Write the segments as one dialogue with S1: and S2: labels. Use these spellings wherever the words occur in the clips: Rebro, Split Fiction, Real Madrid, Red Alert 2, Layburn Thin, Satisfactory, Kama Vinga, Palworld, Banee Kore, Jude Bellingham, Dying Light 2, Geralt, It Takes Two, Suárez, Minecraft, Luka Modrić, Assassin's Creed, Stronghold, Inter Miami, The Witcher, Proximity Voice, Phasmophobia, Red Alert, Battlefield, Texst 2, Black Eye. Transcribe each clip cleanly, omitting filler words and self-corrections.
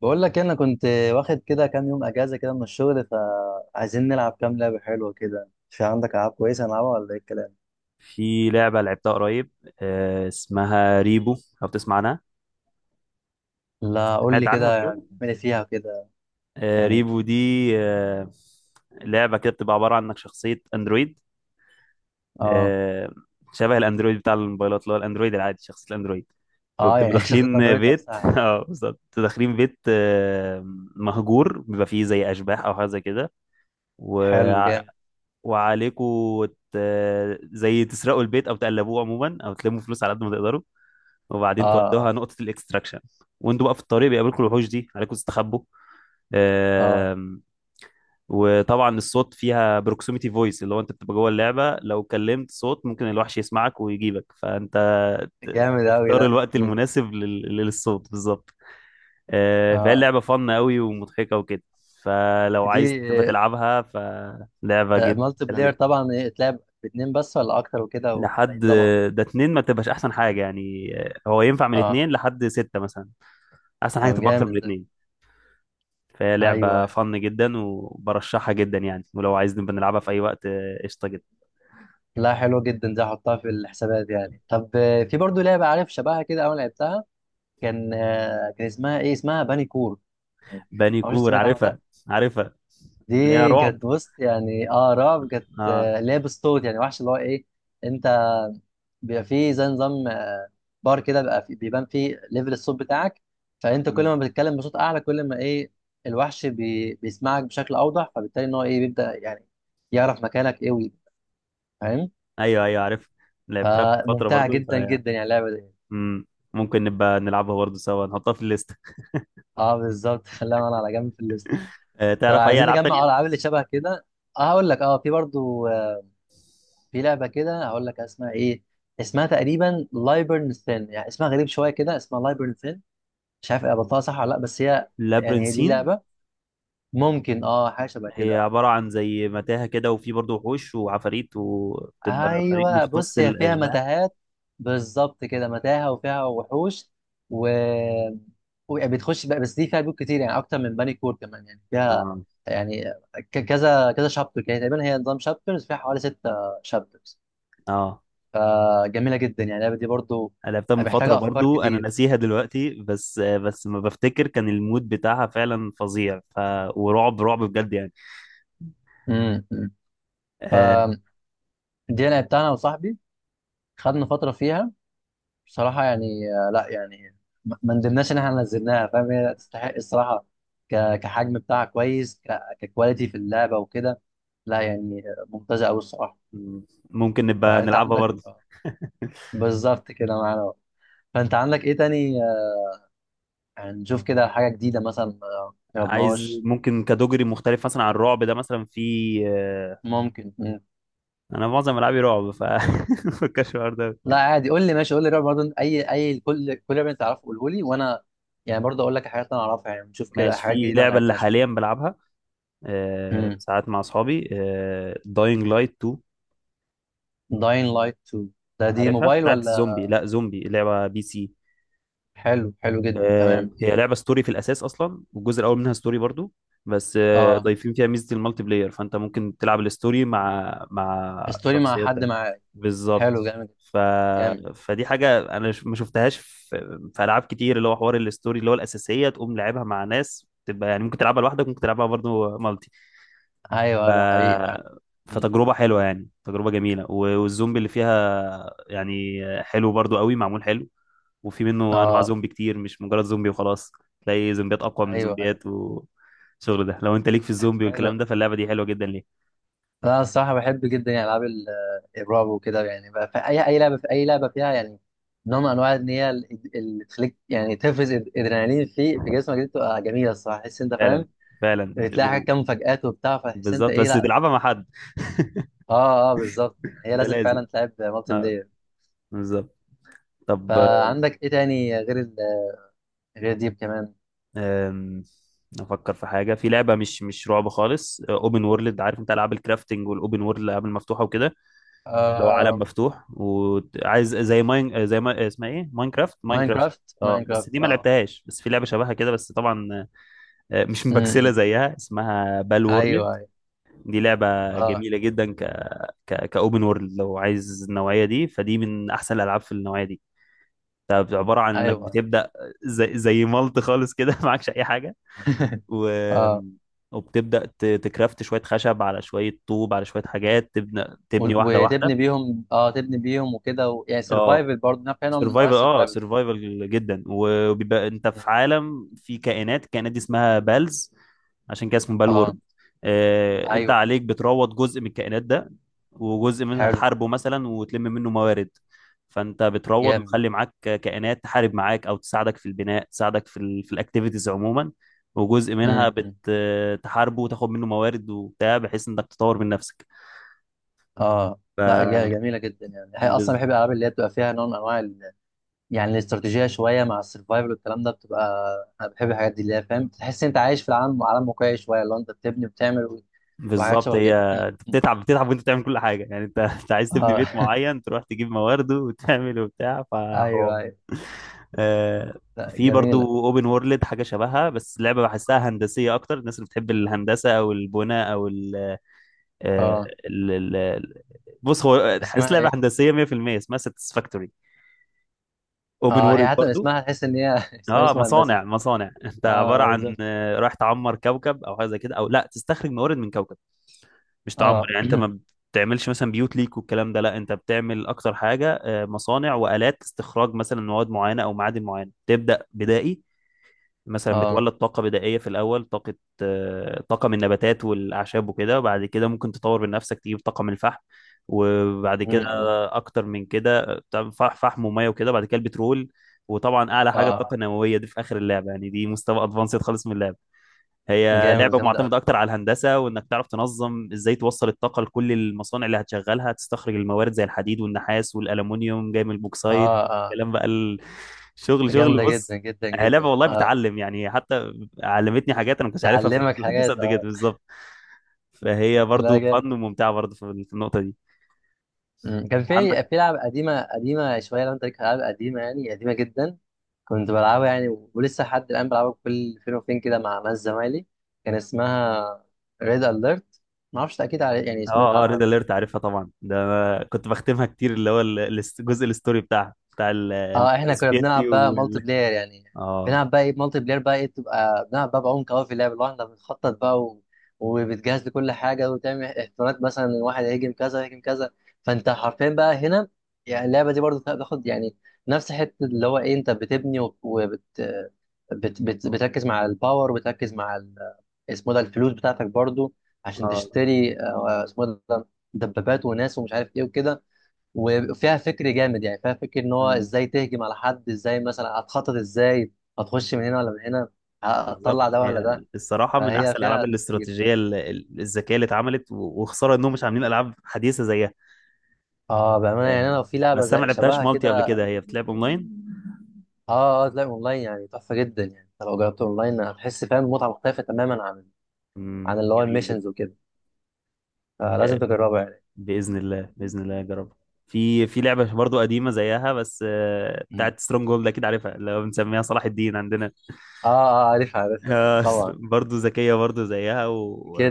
S1: بقول لك إيه، انا كنت واخد كده كام يوم اجازه كده من الشغل، فعايزين نلعب كام لعبه حلوه كده. في عندك العاب كويسه نلعبها ولا ايه الكلام؟
S2: في لعبة لعبتها قريب، آه، اسمها ريبو. لو بتسمع عنها،
S1: لا قول
S2: سمعت
S1: لي
S2: عنها قبل
S1: كده.
S2: كده.
S1: اعملي فيها كده.
S2: آه،
S1: يعني
S2: ريبو دي آه، لعبة كده بتبقى عبارة عن انك شخصية اندرويد.
S1: اه
S2: آه، شبه الاندرويد بتاع الموبايلات، اللي هو الاندرويد العادي، شخصية الاندرويد.
S1: اه.
S2: وبتبقوا
S1: يعني شخصيه
S2: داخلين
S1: اندرويد
S2: بيت
S1: نفسها.
S2: اه بالظبط، بتبقوا داخلين بيت آه، مهجور، بيبقى فيه زي اشباح او حاجه زي كده.
S1: حلو
S2: وع-
S1: جامد.
S2: وعليكوا زي تسرقوا البيت او تقلبوه عموما او تلموا فلوس على قد ما تقدروا،
S1: اه
S2: وبعدين تودوها
S1: اه
S2: نقطة الاكستراكشن. وانتوا بقى في الطريق بيقابلكم الوحوش دي، عليكم تستخبوا.
S1: اه.
S2: آم، وطبعا الصوت فيها بروكسيميتي فويس، اللي هو انت بتبقى جوه اللعبة لو كلمت صوت ممكن الوحش يسمعك ويجيبك، فانت
S1: جامد قوي
S2: تختار
S1: ده.
S2: الوقت
S1: مم.
S2: المناسب للصوت بالظبط.
S1: اه
S2: آه، فهي
S1: آه.
S2: اللعبة فن قوي ومضحكة وكده، فلو
S1: دي
S2: عايز تبقى تلعبها فلعبة جد
S1: مالتي
S2: حلوة
S1: بلاير
S2: جدا.
S1: طبعا، إيه، تلعب باتنين بس ولا اكتر وكده ولا
S2: لحد
S1: إيه نظامها؟
S2: ده اتنين ما تبقاش احسن حاجة يعني، آه، هو ينفع من
S1: اه.
S2: اتنين لحد ستة مثلا. احسن حاجة
S1: طب
S2: تبقى اكتر
S1: جامد
S2: من
S1: ده.
S2: اتنين. فهي
S1: ايوه
S2: لعبة
S1: أيوة.
S2: فن جدا وبرشحها جدا يعني، ولو عايز نبقى نلعبها في أي وقت آه، قشطة جدا.
S1: لا حلوه جدا دي، احطها في الحسابات يعني. طب في برضو لعبه عارف شبهها كده اول لعبتها كان اسمها ايه، اسمها باني كور. يعني
S2: باني
S1: ما اعرفش
S2: كور
S1: سمعت عنها ولا
S2: عارفها،
S1: لا.
S2: عارفها،
S1: دي
S2: اللي هي رعب.
S1: كانت بص، يعني اه رعب، كانت
S2: اه.
S1: آه، اللي هي بالصوت، يعني وحش اللي هو ايه. انت بيبقى فيه زي نظام بار كده، بيبقى فيه بيبان فيه ليفل الصوت بتاعك، فانت كل
S2: مم.
S1: ما بتتكلم بصوت اعلى كل ما ايه الوحش بيسمعك بشكل اوضح، فبالتالي ان هو ايه بيبدأ يعني يعرف مكانك ايه ويجي. فاهم؟
S2: أيوه أيوه، عارف. لعبتها من فترة
S1: فممتعة
S2: برضو ف...
S1: جدا جدا يعني اللعبة دي.
S2: مم. ممكن نبقى نلعبها برضو سوا، نحطها في الليست.
S1: اه بالظبط خليها معانا على جنب في الليست.
S2: آه تعرف أي
S1: فعايزين
S2: ألعاب
S1: نجمع اه
S2: تانية؟
S1: الالعاب اللي شبه كده. اه هقول لك، اه في برضو، في لعبه كده هقول لك اسمها ايه. اسمها تقريبا لايبرن ثين، يعني اسمها غريب شويه كده، اسمها لايبرن ثين. مش عارف قبلتها صح ولا لا، بس هي يعني هي دي
S2: لابرنسين،
S1: اللعبه، ممكن اه حاجه شبه
S2: هي
S1: كده.
S2: عبارة عن زي متاهة كده، وفي برضو وحوش وعفاريت، وبتبقى فريق
S1: ايوه
S2: مختص
S1: بص، هي فيها
S2: الأشباح.
S1: متاهات، بالظبط كده متاهه وفيها وحوش، و وبتخش بقى. بس دي فيها بيوت كتير يعني، اكتر من بني كور كمان، يعني فيها
S2: اه
S1: يعني كذا كذا شابتر، يعني تقريبا هي نظام شابترز، فيها حوالي ستة شابترز.
S2: اه.
S1: فجميله جدا يعني اللعبه دي برضو،
S2: أنا لعبتها من فترة
S1: محتاجه افكار
S2: برضو، أنا
S1: كتير.
S2: ناسيها دلوقتي، بس ما بفتكر كان المود بتاعها فعلا فظيع ف... ورعب رعب بجد يعني.
S1: امم
S2: آه،
S1: فدي انا بتاعنا وصاحبي خدنا فتره فيها بصراحه يعني. لا يعني ما ندمناش ان احنا نزلناها، فاهم. هي تستحق الصراحه، كحجم بتاعها كويس، ككواليتي في اللعبه وكده. لا يعني ممتازه قوي الصراحه.
S2: ممكن نبقى
S1: فانت
S2: نلعبها
S1: عندك
S2: برضو.
S1: بالظبط كده معانا أهو. فانت عندك ايه تاني يعني نشوف كده حاجه جديده مثلا ما
S2: عايز
S1: جربناهاش.
S2: ممكن كاتيجوري مختلف مثلا عن الرعب ده مثلا، في آه،
S1: ممكن.
S2: انا معظم العابي رعب ف مفكرش في الحوار ده.
S1: لا عادي، قول لي ماشي، قول لي رعب برضه، اي اي، كل كل رعب انت تعرفه قوله لي، وانا يعني برضه اقول لك الحاجات اللي انا اعرفها، يعني نشوف كده
S2: ماشي،
S1: حاجات
S2: في
S1: جديده ما
S2: لعبه اللي
S1: لعبناش.
S2: حاليا بلعبها آه،
S1: امم
S2: ساعات مع اصحابي، داينج لايت 2.
S1: داين لايت 2؟ ده دي
S2: عارفها،
S1: موبايل
S2: بتاعت
S1: ولا؟
S2: الزومبي. لا، زومبي، لعبه بي سي.
S1: حلو، حلو جدا،
S2: آه،
S1: تمام.
S2: هي لعبه ستوري في الاساس اصلا، والجزء الاول منها ستوري برضو، بس آه،
S1: اه،
S2: ضايفين فيها ميزه المالتي بلاير، فانت ممكن تلعب الستوري مع
S1: ستوري مع
S2: شخصيات
S1: حد
S2: تانية.
S1: معاك.
S2: بالظبط.
S1: حلو جامد.
S2: ف...
S1: جامد.
S2: فدي حاجه انا ما شفتهاش في العاب كتير، اللي هو حوار الستوري اللي هو الاساسيه تقوم لعبها مع ناس، تبقى يعني ممكن تلعبها لوحدك ممكن تلعبها برضو مالتي. ف...
S1: ايوه ده حقيقي فعلا. مم.
S2: فتجربه حلوه يعني، تجربه جميله، و- والزومبي اللي فيها يعني حلو برضو قوي معمول حلو. وفي منه انواع
S1: اه.
S2: زومبي كتير، مش مجرد زومبي وخلاص. تلاقي زومبيات اقوى من
S1: ايوه ايوه.
S2: زومبيات، والشغل ده لو انت ليك في الزومبي
S1: حلو.
S2: والكلام ده، فاللعبه دي حلوه جدا ليه.
S1: انا الصراحه بحب جدا يعني العاب الرعب وكده، يعني بقى في اي اي لعبه، في اي لعبه فيها يعني نوع من انواع ان هي اللي تخليك يعني تفرز ادرينالين في جسمك، دي بتبقى جميله الصراحه، تحس انت فاهم.
S2: فعلا فعلا
S1: بتلاقي حاجات،
S2: و-
S1: كام مفاجآت وبتاع، فتحس انت
S2: بالظبط،
S1: ايه.
S2: بس
S1: لا
S2: تلعبها مع حد.
S1: اه اه بالظبط، يعني هي
S2: ده
S1: لازم
S2: لازم.
S1: فعلا تلعب مالتي
S2: اه.
S1: بلاير.
S2: بالظبط. طب
S1: فعندك ايه تاني غير ال... غير ديب كمان؟
S2: آم، افكر في حاجه، في لعبه مش رعب خالص، اوبن وورلد. عارف انت العاب الكرافتنج والاوبن وورلد، الالعاب المفتوحه وكده؟ لو عالم
S1: آه...
S2: مفتوح وعايز زي ماين، آه، زي ما آه، اسمها ايه، ماينكرافت، ماينكرافت
S1: ماينكرافت
S2: اه، بس
S1: ماينكرافت،
S2: دي ما
S1: اه.
S2: لعبتهاش، بس في لعبه شبهها كده بس طبعا آه، مش
S1: م-
S2: مبكسله
S1: م.
S2: زيها، اسمها بال وورلد.
S1: ايوه ايوه،
S2: دي لعبه
S1: اه.
S2: جميله جدا، ك كاوبن وورلد، لو عايز النوعيه دي، فدي من احسن الالعاب في النوعيه دي. طب عباره عن انك
S1: ايوه
S2: بتبدا زي زي مالت خالص كده معكش اي حاجه. و
S1: اه.
S2: وبتبدا تكرافت شويه خشب على شويه طوب على شويه حاجات، تبني
S1: و-
S2: تبني واحده
S1: وتبني
S2: واحده.
S1: بيهم اه، تبني بيهم وكده، و... يعني
S2: اه،
S1: سرفايفل برضه، نوع، كان نوع من انواع
S2: سرفايفل، اه
S1: السرفايفل، صح؟
S2: سرفايفل جدا. وبيبقى انت في
S1: مم.
S2: عالم في كائنات، الكائنات دي اسمها بالز، عشان كده اسمه
S1: اه.
S2: بالورد. آه انت
S1: ايوه.
S2: عليك بتروض جزء من الكائنات ده، وجزء منها
S1: حلو.
S2: تحاربه مثلا وتلم منه موارد. فانت بتروض
S1: جامد.
S2: وتخلي معاك كائنات تحارب معاك او تساعدك في البناء، تساعدك في الاكتيفيتيز عموما. وجزء منها
S1: امم
S2: بتحاربه وتاخد منه موارد وبتاع، بحيث انك تطور من نفسك.
S1: اه
S2: ف
S1: لا جميله جدا، يعني هي اصلا بحب الالعاب اللي هي بتبقى فيها نوع من انواع ال... يعني الاستراتيجيه شويه مع السرفايفل والكلام ده بتبقى. انا بحب الحاجات دي اللي هي فاهم، تحس انت عايش في العالم، عالم واقعي شويه، اللي هو انت بتبني وبتعمل وحاجات
S2: بالظبط
S1: شبه
S2: هي،
S1: كده
S2: انت بتتعب بتتعب وانت بتعمل كل حاجه يعني، انت انت عايز تبني بيت
S1: اه
S2: معين تروح تجيب موارده وتعمل وبتاع، فحوار.
S1: ايوه ايوه.
S2: آه،
S1: لا
S2: في
S1: جميله.
S2: برضو اوبن وورلد حاجه شبهها، بس لعبه بحسها هندسيه اكتر، الناس اللي بتحب الهندسه او البناء او ال آه،
S1: اه.
S2: ال- ال- ال- بص هو حاسس
S1: اسمها
S2: لعبه
S1: ايه؟
S2: هندسيه 100%. اسمها ساتسفاكتوري، اوبن
S1: اه، هي
S2: وورلد
S1: حتى
S2: برضو.
S1: اسمها تحس ان هي اسمها
S2: اه،
S1: اسم هندسي.
S2: مصانع مصانع. انت عباره عن
S1: اه.
S2: آه، رايح تعمر كوكب او حاجه زي كده، او لا تستخرج موارد من كوكب. مش تعمر
S1: اه
S2: يعني، انت ما بتعملش مثلا بيوت ليك والكلام ده، لا انت بتعمل اكتر حاجه آه، مصانع والات استخراج مثلا مواد معينه او معادن معينه. تبدا بدائي مثلا،
S1: اه.
S2: بتولد طاقه بدائيه في الاول، طاقه آه، طاقه من النباتات والاعشاب وكده، وبعد كده ممكن تطور من نفسك تجيب طاقه من الفحم. وبعد كده
S1: م-م.
S2: اكتر من كده بتعمل فحم وميه وكده، بعد كده البترول. وطبعا اعلى حاجه
S1: اه.
S2: الطاقه النوويه، دي في اخر اللعبه يعني، دي مستوى ادفانسد خالص من اللعبه. هي
S1: جامد،
S2: لعبة
S1: جامدة
S2: معتمدة
S1: أوي.
S2: أكتر على الهندسة، وإنك تعرف تنظم إزاي توصل الطاقة لكل المصانع اللي هتشغلها، تستخرج الموارد زي الحديد والنحاس والألمونيوم جاي من البوكسايت.
S1: اه اه.
S2: كلام بقى ال- شغل شغل
S1: جامدة جدا
S2: بص.
S1: جدا
S2: هي لعبة
S1: جدا.
S2: والله
S1: اه.
S2: بتعلم يعني، حتى علمتني حاجات أنا ما كنتش عارفها في
S1: تعلمك
S2: الهندسة
S1: حاجات،
S2: قد كده
S1: اه.
S2: بالظبط. فهي برضو
S1: لا
S2: فن
S1: جامد.
S2: وممتعة برضو في في النقطة دي.
S1: م. كان في
S2: عندك.
S1: في لعبة قديمة قديمة شوية، لو انت ليك في ألعاب قديمة، يعني قديمة جدا كنت بلعبها يعني، ولسه لحد الآن بلعبها كل فين وفين كده مع ناس زمايلي. كان اسمها ريد أليرت، معرفش أكيد على- يعني سمعت
S2: اه اه،
S1: عنها
S2: ريد
S1: قبل
S2: اليرت
S1: كده.
S2: عارفها طبعا ده. أنا كنت بختمها كتير، اللي هو الجزء الستوري بتاعها، بتاع ال-
S1: اه
S2: الاتحاد
S1: احنا كنا
S2: السوفيتي
S1: بنلعب بقى مالتي
S2: وال.
S1: بلاير يعني،
S2: اه
S1: بنلعب بقى ايه مالتي بلاير بقى ايه، بتبقى بنلعب بقى بعمق قوي في اللعب، اللي هو احنا بنخطط بقى و... وبتجهز لكل حاجه، وتعمل احتمالات مثلا ان واحد هيهاجم كذا، هيهاجم كذا. فانت حرفيا بقى هنا، يعني اللعبه دي برضو بتاخد يعني نفس حته، اللي هو ايه انت بتبني بتركز مع الباور، وبتركز مع ال... اسمه ده الفلوس بتاعتك برضو، عشان
S2: اه.
S1: تشتري اسمه ده دبابات وناس ومش عارف ايه وكده. وفيها فكر جامد، يعني فيها فكر ان هو
S2: مم.
S1: ازاي تهجم على حد، ازاي مثلا هتخطط، ازاي هتخش من هنا ولا من هنا،
S2: بالظبط،
S1: هتطلع ده ولا
S2: هي
S1: ده.
S2: الصراحة من
S1: فهي
S2: أحسن الألعاب
S1: فيها تفكير.
S2: الاستراتيجية الذكية اللي اتعملت، و- وخسارة إنهم مش عاملين ألعاب حديثة زيها.
S1: اه بامانه، يعني
S2: آم،
S1: انا لو في لعبه
S2: بس أنا
S1: زي
S2: ما لعبتهاش
S1: شبهها
S2: مالتي قبل
S1: كده.
S2: كده، هي بتلعب أونلاين.
S1: اه اه، تلاقي اونلاين يعني تحفه جدا. يعني انت لو جربت اونلاين، هتحس فاهم متعه مختلفه تماما، عن
S2: مم،
S1: عن اللي هو
S2: جميل جدا.
S1: الميشنز وكده، فلازم
S2: آه،
S1: تجربها يعني.
S2: بإذن الله بإذن الله أجربها. في في لعبة برضو قديمة زيها، بس آه،
S1: مم.
S2: بتاعت سترونج هولد، أكيد عارفها، اللي هو بنسميها صلاح الدين عندنا.
S1: اه اه، عارفها عارفها
S2: آه،
S1: طبعا.
S2: برضو ذكية برضو زيها و...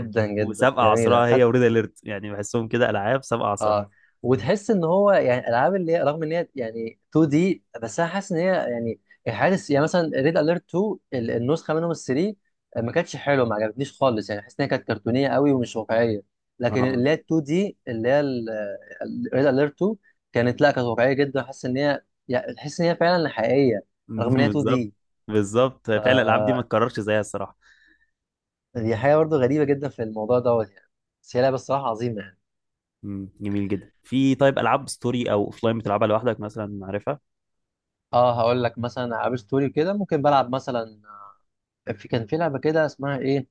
S2: و...
S1: جدا
S2: وسابقة
S1: جميله،
S2: عصرها هي
S1: خدت.
S2: وريد أليرت يعني، بحسهم كده ألعاب سابقة عصرها.
S1: اه وتحس ان هو يعني الالعاب اللي هي، رغم ان هي يعني 2 دي، بس انا حاسس ان هي يعني حارس. يعني مثلا ريد اليرت 2 النسخه منهم ال 3 ما كانتش حلوه، ما عجبتنيش خالص، يعني حاسس ان هي كانت كرتونيه قوي ومش واقعيه. لكن
S2: اه.
S1: اللي هي 2 دي اللي هي ريد اليرت 2، كانت لا كانت واقعيه جدا، حاسس ان هي يعني تحس ان هي فعلا حقيقيه، رغم ان هي 2
S2: بالظبط
S1: دي.
S2: بالظبط، فعلا الالعاب دي ما
S1: ف
S2: تكررش زيها الصراحه.
S1: دي حاجه برضه غريبه جدا في الموضوع دوت يعني. بس هي لعبه الصراحه عظيمه يعني.
S2: مم. جميل جدا. في طيب العاب ستوري او اوفلاين بتلعبها لوحدك مثلا عارفها؟
S1: اه هقول لك مثلا العاب ستوري كده ممكن بلعب مثلا، في كان في لعبه كده اسمها ايه،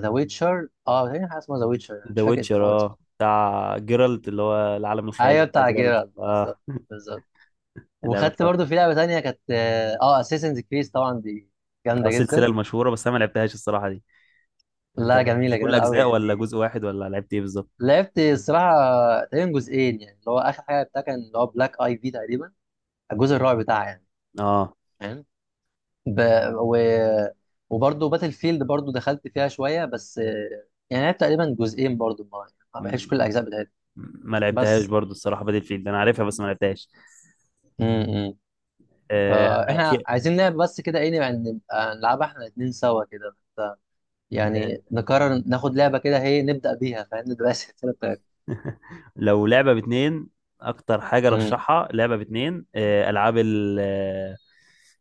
S1: ذا ويتشر، اه تقريبا حاجه اسمها ذا ويتشر،
S2: ذا
S1: مش فاكر اسمه
S2: ويتشر،
S1: خالص.
S2: اه بتاع جيرالت، اللي هو العالم الخيالي
S1: ايوه
S2: بتاع
S1: بتاع
S2: جيرالت
S1: جيرارد
S2: اه.
S1: بالظبط، بالظبط.
S2: اللعبه
S1: وخدت
S2: الصراحه.
S1: برضو في لعبه تانية كانت، اه اساسنز كريس طبعا، دي
S2: اه
S1: جامده
S2: السلسله
S1: جدا.
S2: المشهوره بس انا ما لعبتهاش الصراحه دي. انت
S1: لا جميله،
S2: لعبت كل
S1: جميله قوي
S2: اجزاء
S1: يعني
S2: ولا
S1: دي.
S2: جزء واحد ولا لعبت ايه بالظبط؟
S1: لعبت الصراحه تقريبا جزئين، يعني اللي هو اخر حاجه بتاع كان، اللي هو بلاك اي في تقريبا، الجزء الرابع بتاعها يعني.
S2: اه.
S1: فاهم. ب... و... وبرضه باتل فيلد برضه دخلت فيها شويه، بس يعني لعبت تقريبا جزئين برضه، ما
S2: مم.
S1: بحبش كل الاجزاء بتاعتها.
S2: ما لعبتهاش
S1: بس.
S2: برضو الصراحه، بدل فيلد انا عارفها بس ما لعبتهاش.
S1: امم
S2: آه، انا
S1: فاحنا
S2: في
S1: عايزين لعبه بس كده ايه، يعني نبقى نلعبها احنا الاثنين سوا كده، ف- يعني نقرر ناخد لعبه كده هي نبدا بيها، فاهم نبقى السلسله بتاعتنا.
S2: لو لعبة باتنين، أكتر حاجة
S1: امم.
S2: رشحها لعبة باتنين، آه، ألعاب ال- آه،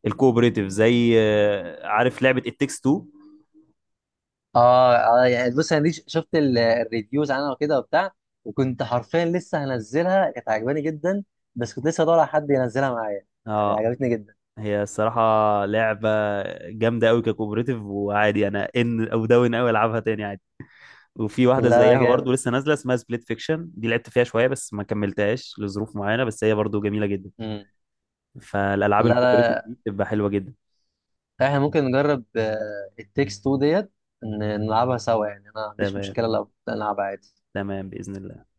S2: الكوبريتيف، زي آه، عارف لعبة It Takes Two.
S1: اه اه، يعني بص انا دي شفت الريفيوز عنها وكده وبتاع. وكنت حرفيا لسه هنزلها، كانت عجباني جدا. بس كنت لسه بدور على حد ينزلها معايا، يعني
S2: اه،
S1: عجبتني جدا.
S2: هي الصراحة لعبة جامدة أوي ككوبريتيف، وعادي أنا إن أو داون أوي ألعبها تاني عادي. وفي واحدة
S1: لا لا
S2: زيها برضو
S1: جامد.
S2: لسه نازلة اسمها سبليت فيكشن، دي لعبت فيها شوية بس ما كملتهاش لظروف معينة، بس هي برضو جميلة جدا.
S1: امم.
S2: فالألعاب
S1: لا
S2: الكوبريتيف
S1: لا،
S2: دي بتبقى حلوة جدا.
S1: احنا ممكن نجرب التكست 2 ديت، ن- نلعبها سوا يعني، انا ما عنديش
S2: تمام.
S1: مشكله لو نلعبها عادي.
S2: تمام بإذن الله.